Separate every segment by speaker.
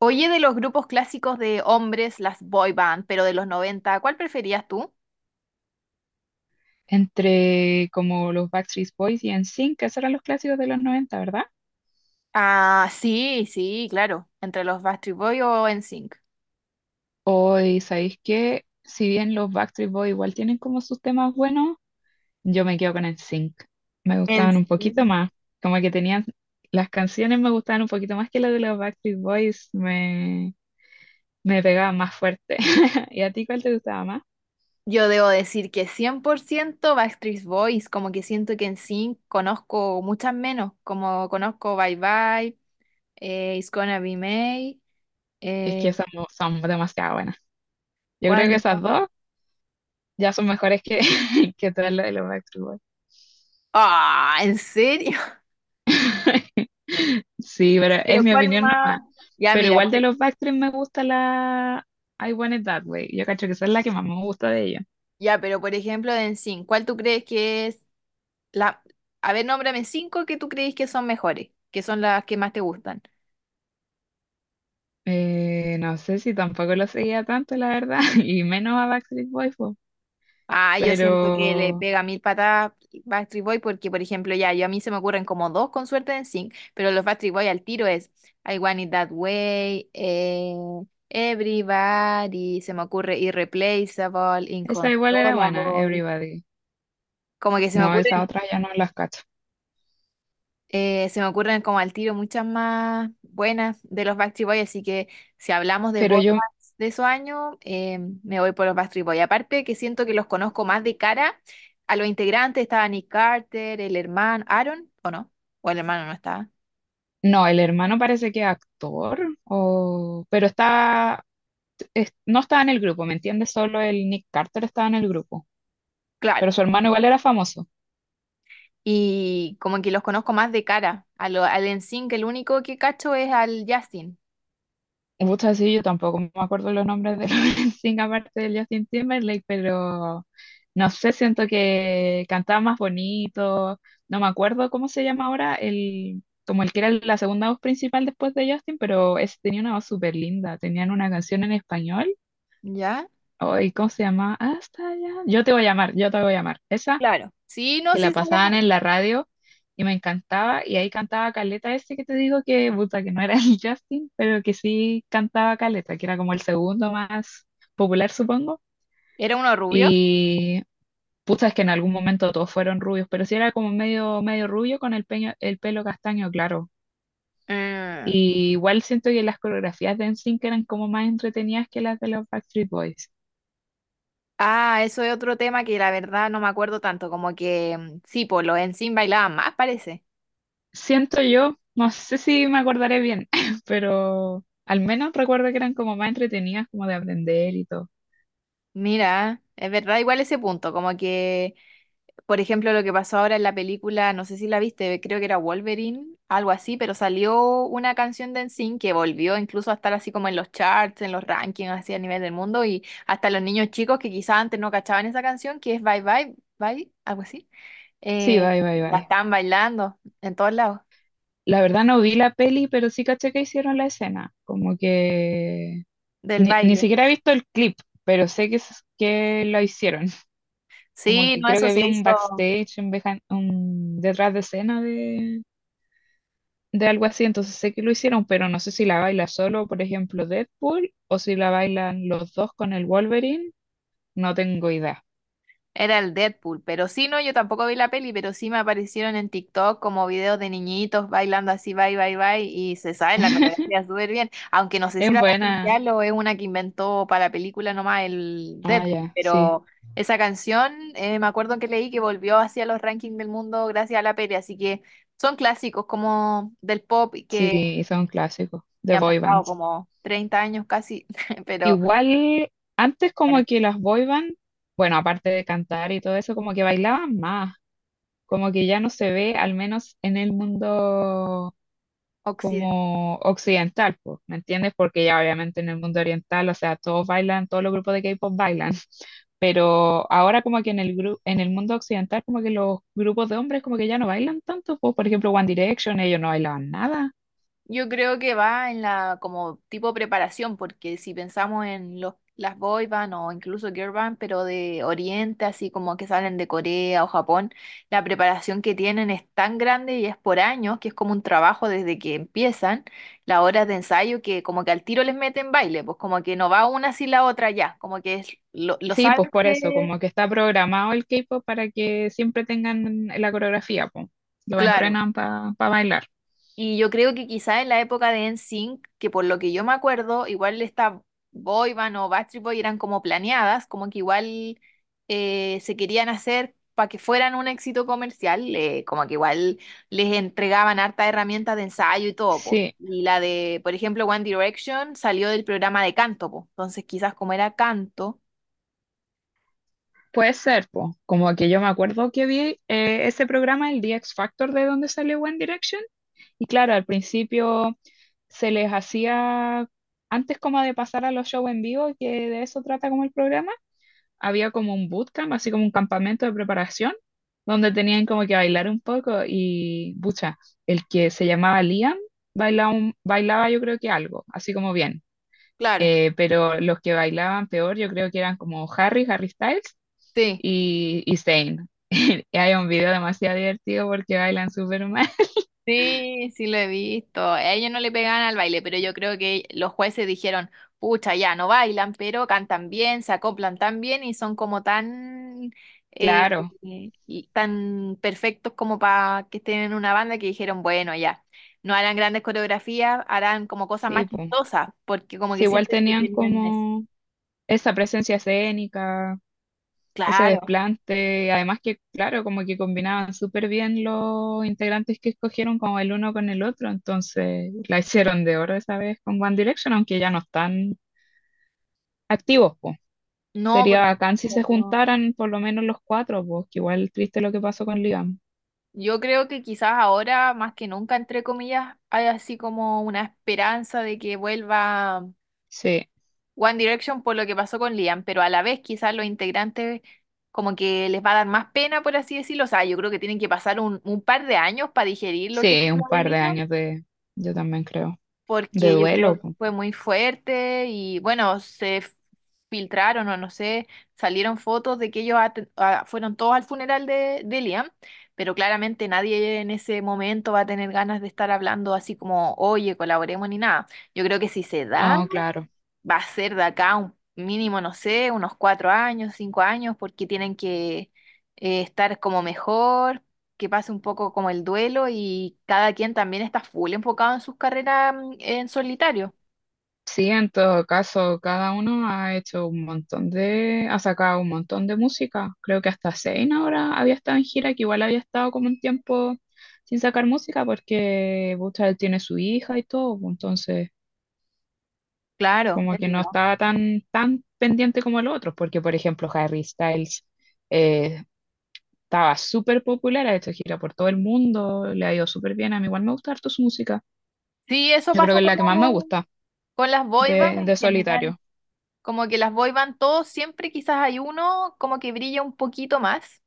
Speaker 1: Oye, de los grupos clásicos de hombres, las boy band, pero de los noventa, ¿cuál preferías tú?
Speaker 2: Entre como los Backstreet Boys y NSYNC, que esos eran los clásicos de los 90, ¿verdad?
Speaker 1: Ah, sí, sí, claro. ¿Entre los Backstreet Boys o NSYNC?
Speaker 2: Hoy, ¿sabéis qué? Si bien los Backstreet Boys igual tienen como sus temas buenos, yo me quedo con NSYNC. Me
Speaker 1: En
Speaker 2: gustaban un poquito
Speaker 1: serio.
Speaker 2: más, como que tenían, las canciones me gustaban un poquito más que las de los Backstreet Boys, me pegaban más fuerte. ¿Y a ti cuál te gustaba más?
Speaker 1: Yo debo decir que 100% Backstreet Boys, como que siento que en NSYNC conozco muchas menos, como conozco Bye Bye, It's Gonna Be May,
Speaker 2: Es
Speaker 1: eh,
Speaker 2: que esas mo- son demasiado buenas. Yo
Speaker 1: ¿cuál
Speaker 2: creo que esas
Speaker 1: más?
Speaker 2: dos ya son mejores que, que todas las de los Backstreet Boys.
Speaker 1: Ah, ¿en serio?
Speaker 2: Sí, pero es
Speaker 1: ¿Pero
Speaker 2: mi
Speaker 1: cuál
Speaker 2: opinión nomás.
Speaker 1: más? Ya,
Speaker 2: Pero
Speaker 1: mira,
Speaker 2: igual de los Backstreet me gusta la I Want It That Way. Yo cacho que esa es la que más me gusta de ellos.
Speaker 1: ya, pero por ejemplo de NSYNC, ¿cuál tú crees que es la? A ver, nómbrame cinco que tú crees que son mejores, que son las que más te gustan.
Speaker 2: No sé si tampoco lo seguía tanto, la verdad, y menos a Backstreet Boys, po.
Speaker 1: Ah, yo siento que le
Speaker 2: Pero
Speaker 1: pega mil patadas Backstreet Boy porque, por ejemplo, ya, yo a mí se me ocurren como dos con suerte en sync, pero los Backstreet Boy al tiro es I Want It That Way, Everybody, se me ocurre Irreplaceable,
Speaker 2: esa igual era buena,
Speaker 1: Inconsolable.
Speaker 2: Everybody.
Speaker 1: Como que
Speaker 2: No, esa otra ya no las cacho.
Speaker 1: Se me ocurren como al tiro muchas más buenas de los Backstreet Boys, así que si hablamos de
Speaker 2: Pero
Speaker 1: boy
Speaker 2: yo,
Speaker 1: bands de esos años, me voy por los Backstreet Boys. Aparte que siento que los conozco más de cara a los integrantes, estaba Nick Carter, el hermano, Aaron, ¿o no? O el hermano no estaba.
Speaker 2: no, el hermano parece que es actor, o, pero está, es- no estaba en el grupo, ¿me entiendes? Solo el Nick Carter estaba en el grupo,
Speaker 1: Claro.
Speaker 2: pero su hermano igual era famoso.
Speaker 1: Y como que los conozco más de cara a lo, al NSYNC, el único que cacho es al Justin,
Speaker 2: Gusta decir yo tampoco me acuerdo los nombres de los Sting aparte de Justin Timberlake, pero no sé, siento que cantaba más bonito, no me acuerdo cómo se llama ahora, el, como el que era la segunda voz principal después de Justin, pero ese tenía una voz súper linda, tenían una canción en español,
Speaker 1: ¿ya?
Speaker 2: ay, ¿cómo se llama? Hasta allá, yo te voy a llamar, yo te voy a llamar, esa
Speaker 1: Claro. Sí, no,
Speaker 2: que la
Speaker 1: sí, sabía.
Speaker 2: pasaban en la radio y me encantaba. Y ahí cantaba Caleta ese que te digo que, puta, que no era el Justin, pero que sí cantaba Caleta, que era como el segundo más popular, supongo.
Speaker 1: Era uno rubio.
Speaker 2: Y puta, es que en algún momento todos fueron rubios, pero sí era como medio rubio con el, peño- el pelo castaño, claro.
Speaker 1: Mm.
Speaker 2: Y igual siento que las coreografías de NSYNC eran como más entretenidas que las de los Backstreet Boys.
Speaker 1: Ah, eso es otro tema que la verdad no me acuerdo tanto, como que sí, por los Ensign bailaban más, parece.
Speaker 2: Siento yo, no sé si me acordaré bien, pero al menos recuerdo que eran como más entretenidas, como de aprender y todo.
Speaker 1: Mira, es verdad, igual ese punto, como que, por ejemplo, lo que pasó ahora en la película, no sé si la viste, creo que era Wolverine, algo así, pero salió una canción de Ensign que volvió incluso a estar así como en los charts, en los rankings, así a nivel del mundo, y hasta los niños chicos que quizás antes no cachaban esa canción, que es Bye Bye, Bye, algo así,
Speaker 2: Sí,
Speaker 1: eh,
Speaker 2: bye, bye,
Speaker 1: la
Speaker 2: bye.
Speaker 1: están bailando en todos lados
Speaker 2: La verdad no vi la peli, pero sí caché que hicieron la escena. Como que
Speaker 1: del
Speaker 2: ni
Speaker 1: baile.
Speaker 2: siquiera he visto el clip, pero sé que, s- que lo hicieron. Como
Speaker 1: Sí,
Speaker 2: que
Speaker 1: no,
Speaker 2: creo
Speaker 1: eso
Speaker 2: que vi
Speaker 1: se
Speaker 2: un
Speaker 1: hizo,
Speaker 2: backstage, un, behind- un detrás de escena de algo así, entonces sé que lo hicieron, pero no sé si la baila solo, por ejemplo, Deadpool, o si la bailan los dos con el Wolverine, no tengo idea.
Speaker 1: era el Deadpool, pero sí, no, yo tampoco vi la peli, pero sí me aparecieron en TikTok como videos de niñitos bailando así, bye, bye, bye, y se sabe la coreografía súper bien, aunque no sé si
Speaker 2: Es
Speaker 1: era
Speaker 2: buena.
Speaker 1: oficial o es una que inventó para la película nomás el
Speaker 2: Ah,
Speaker 1: Deadpool,
Speaker 2: ya, sí.
Speaker 1: pero esa canción, me acuerdo que leí que volvió hacia los rankings del mundo gracias a la peli, así que son clásicos como del pop y que
Speaker 2: Sí, son clásicos de
Speaker 1: ya han
Speaker 2: boy
Speaker 1: pasado
Speaker 2: bands.
Speaker 1: como 30 años casi, pero
Speaker 2: Igual, antes
Speaker 1: bueno,
Speaker 2: como que las boy bands, bueno, aparte de cantar y todo eso, como que bailaban más. Como que ya no se ve, al menos en el mundo como occidental, pues, ¿me entiendes? Porque ya obviamente en el mundo oriental, o sea, todos bailan, todos los grupos de K-pop bailan. Pero ahora como que en el gru- en el mundo occidental como que los grupos de hombres como que ya no bailan tanto, pues por ejemplo One Direction, ellos no bailaban nada.
Speaker 1: yo creo que va en la como tipo preparación, porque si pensamos en los, las boy band o incluso girl band, pero de Oriente, así como que salen de Corea o Japón, la preparación que tienen es tan grande y es por años, que es como un trabajo desde que empiezan las horas de ensayo, que como que al tiro les meten baile, pues como que no va una sin la otra ya, como que lo
Speaker 2: Sí,
Speaker 1: saben
Speaker 2: pues por eso,
Speaker 1: que...
Speaker 2: como que está programado el K-pop para que siempre tengan la coreografía, pues. Lo
Speaker 1: Claro,
Speaker 2: entrenan para bailar.
Speaker 1: y yo creo que quizá en la época de NSYNC, que por lo que yo me acuerdo, igual esta boy band o Backstreet Boy eran como planeadas, como que igual se querían hacer para que fueran un éxito comercial, como que igual les entregaban harta herramientas de ensayo y todo, po.
Speaker 2: Sí,
Speaker 1: Y la de, por ejemplo, One Direction salió del programa de canto, po. Entonces quizás como era canto,
Speaker 2: puede ser, pues. Como que yo me acuerdo que vi ese programa, el The X Factor, de donde salió One Direction. Y claro, al principio se les hacía, antes como de pasar a los shows en vivo, que de eso trata como el programa. Había como un bootcamp, así como un campamento de preparación, donde tenían como que bailar un poco y, bucha, el que se llamaba Liam bailaba, un- bailaba yo creo que algo, así como bien.
Speaker 1: claro,
Speaker 2: Pero los que bailaban peor yo creo que eran como Harry, Harry Styles
Speaker 1: sí.
Speaker 2: y Zayn. Y hay un video demasiado divertido porque bailan súper mal.
Speaker 1: Sí, sí lo he visto. A ellos no le pegaban al baile, pero yo creo que los jueces dijeron, pucha, ya no bailan, pero cantan bien, se acoplan tan bien y son como tan, eh,
Speaker 2: Claro,
Speaker 1: y tan perfectos como para que estén en una banda, que dijeron, bueno, ya, no harán grandes coreografías, harán como cosas
Speaker 2: sí,
Speaker 1: más
Speaker 2: pues.
Speaker 1: chistosas, porque como
Speaker 2: Sí,
Speaker 1: que
Speaker 2: igual
Speaker 1: sienten que
Speaker 2: tenían
Speaker 1: tenían eso.
Speaker 2: como esa presencia escénica, ese
Speaker 1: Claro,
Speaker 2: desplante. Además que, claro, como que combinaban súper bien los integrantes que escogieron como el uno con el otro, entonces la hicieron de oro esa vez con One Direction, aunque ya no están activos, pues.
Speaker 1: no,
Speaker 2: Sería
Speaker 1: porque...
Speaker 2: bacán si se juntaran por lo menos los cuatro, pues, que igual triste lo que pasó con Liam.
Speaker 1: Yo creo que quizás ahora, más que nunca, entre comillas, hay así como una esperanza de que vuelva
Speaker 2: Sí,
Speaker 1: One Direction por lo que pasó con Liam, pero a la vez quizás los integrantes como que les va a dar más pena, por así decirlo. O sea, yo creo que tienen que pasar un par de años para digerir lo que fue
Speaker 2: sí, un
Speaker 1: lo de
Speaker 2: par de
Speaker 1: Liam,
Speaker 2: años de, yo también creo, de
Speaker 1: porque yo creo
Speaker 2: duelo,
Speaker 1: que
Speaker 2: pues.
Speaker 1: fue muy fuerte y bueno, filtraron o no sé, salieron fotos de que ellos fueron todos al funeral de Liam, pero claramente nadie en ese momento va a tener ganas de estar hablando así como, oye, colaboremos ni nada. Yo creo que si se da,
Speaker 2: No, claro.
Speaker 1: va a ser de acá un mínimo, no sé, unos cuatro años, cinco años, porque tienen que estar como mejor, que pase un poco como el duelo, y cada quien también está full enfocado en sus carreras, en solitario.
Speaker 2: Sí, en todo caso, cada uno ha hecho un montón de, ha sacado un montón de música. Creo que hasta Zayn ahora había estado en gira, que igual había estado como un tiempo sin sacar música porque Busta él tiene su hija y todo, pues, entonces
Speaker 1: Claro,
Speaker 2: como
Speaker 1: es
Speaker 2: que no
Speaker 1: verdad.
Speaker 2: estaba tan pendiente como los otros, porque por ejemplo Harry Styles eh, estaba súper popular, ha hecho gira por todo el mundo, le ha ido súper bien, a mí igual me gusta harto su música.
Speaker 1: Sí, eso
Speaker 2: Yo creo
Speaker 1: pasa
Speaker 2: que es
Speaker 1: con,
Speaker 2: la que más me gusta
Speaker 1: con las boy band en
Speaker 2: de
Speaker 1: general.
Speaker 2: Solitario.
Speaker 1: Como que las boy band, todos siempre quizás hay uno como que brilla un poquito más,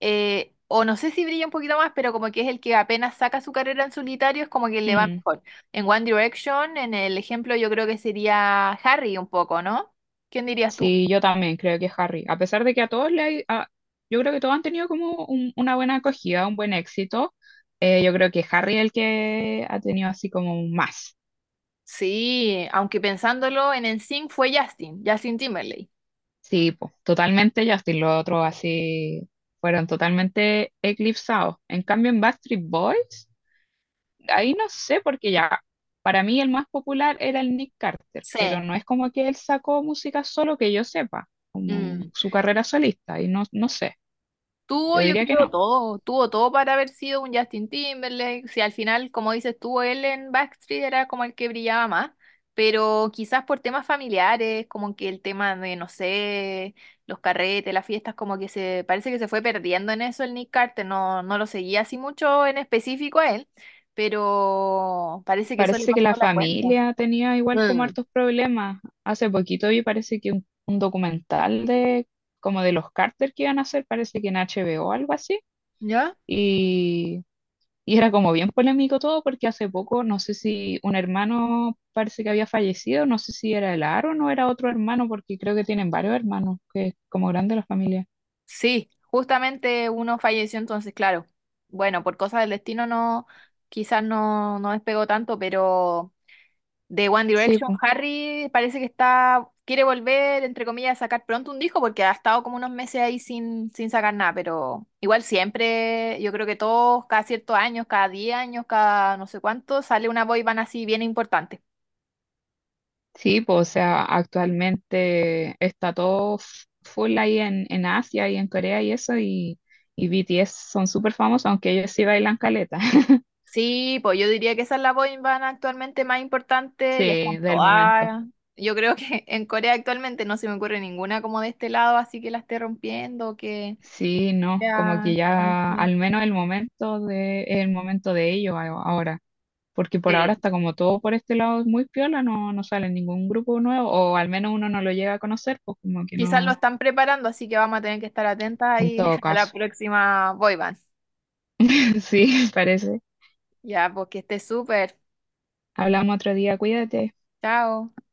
Speaker 1: o no sé si brilla un poquito más, pero como que es el que apenas saca su carrera en solitario, es como que le va
Speaker 2: Mm.
Speaker 1: mejor. En One Direction, en el ejemplo, yo creo que sería Harry un poco, ¿no? ¿Quién dirías tú?
Speaker 2: Sí, yo también creo que Harry, a pesar de que a todos le hay, a- yo creo que todos han tenido como un- una buena acogida, un buen éxito, yo creo que Harry es el que ha tenido así como más.
Speaker 1: Sí, aunque pensándolo en NSYNC fue Justin, Justin Timberlake.
Speaker 2: Sí, po, totalmente Justin, los otros así fueron totalmente eclipsados. En cambio en Backstreet Boys, ahí no sé, porque ya, para mí el más popular era el Nick Carter, pero
Speaker 1: Sí.
Speaker 2: no es como que él sacó música solo que yo sepa, como
Speaker 1: Mm.
Speaker 2: su carrera solista, y no, no sé,
Speaker 1: Tuvo,
Speaker 2: yo
Speaker 1: yo
Speaker 2: diría
Speaker 1: creo,
Speaker 2: que no.
Speaker 1: todo. Tuvo todo para haber sido un Justin Timberlake. Si al final, como dices tú, él en Backstreet era como el que brillaba más. Pero quizás por temas familiares, como que el tema de, no sé, los carretes, las fiestas, como que se parece que se fue perdiendo en eso el Nick Carter. No, no lo seguía así mucho en específico a él, pero parece que eso le
Speaker 2: Parece que
Speaker 1: pasó
Speaker 2: la
Speaker 1: la cuenta.
Speaker 2: familia tenía igual como
Speaker 1: Mm.
Speaker 2: hartos problemas. Hace poquito vi, parece que un documental de como de los Carter que iban a hacer, parece que en H HBO o algo así.
Speaker 1: ¿Ya?
Speaker 2: Y, y era como bien polémico todo porque hace poco, no sé si un hermano parece que había fallecido, no sé si era el Aaron o era otro hermano, porque creo que tienen varios hermanos, que es como grande la familia.
Speaker 1: Sí, justamente uno falleció, entonces claro. Bueno, por cosas del destino no, quizás no, no despegó tanto, pero de One
Speaker 2: Sí,
Speaker 1: Direction,
Speaker 2: pues.
Speaker 1: Harry parece que está, quiere volver, entre comillas, a sacar pronto un disco porque ha estado como unos meses ahí sin, sin sacar nada, pero igual siempre, yo creo que todos, cada ciertos años, cada 10 años, cada no sé cuánto, sale una boy band así bien importante.
Speaker 2: Sí, pues, o sea, actualmente está todo f- full ahí en Asia y en Corea y eso, y BTS son súper famosos, aunque ellos sí bailan caleta,
Speaker 1: Sí, pues yo diría que esa es la boy band actualmente más importante y están
Speaker 2: sí, del momento.
Speaker 1: todas. Yo creo que en Corea actualmente no se me ocurre ninguna como de este lado, así que la esté rompiendo, que
Speaker 2: Sí, no, como que
Speaker 1: sea
Speaker 2: ya,
Speaker 1: conocida.
Speaker 2: al menos el momento de ellos a- ahora, porque por ahora
Speaker 1: Sí.
Speaker 2: está como todo por este lado es muy piola, no, no sale ningún grupo nuevo, o al menos uno no lo llega a conocer, pues como que
Speaker 1: Quizás lo
Speaker 2: no,
Speaker 1: están preparando, así que vamos a tener que estar atentas
Speaker 2: en
Speaker 1: ahí
Speaker 2: todo
Speaker 1: a la
Speaker 2: caso.
Speaker 1: próxima boy band.
Speaker 2: Sí, parece.
Speaker 1: Ya, pues que esté súper.
Speaker 2: Hablamos otro día, cuídate.
Speaker 1: Chao.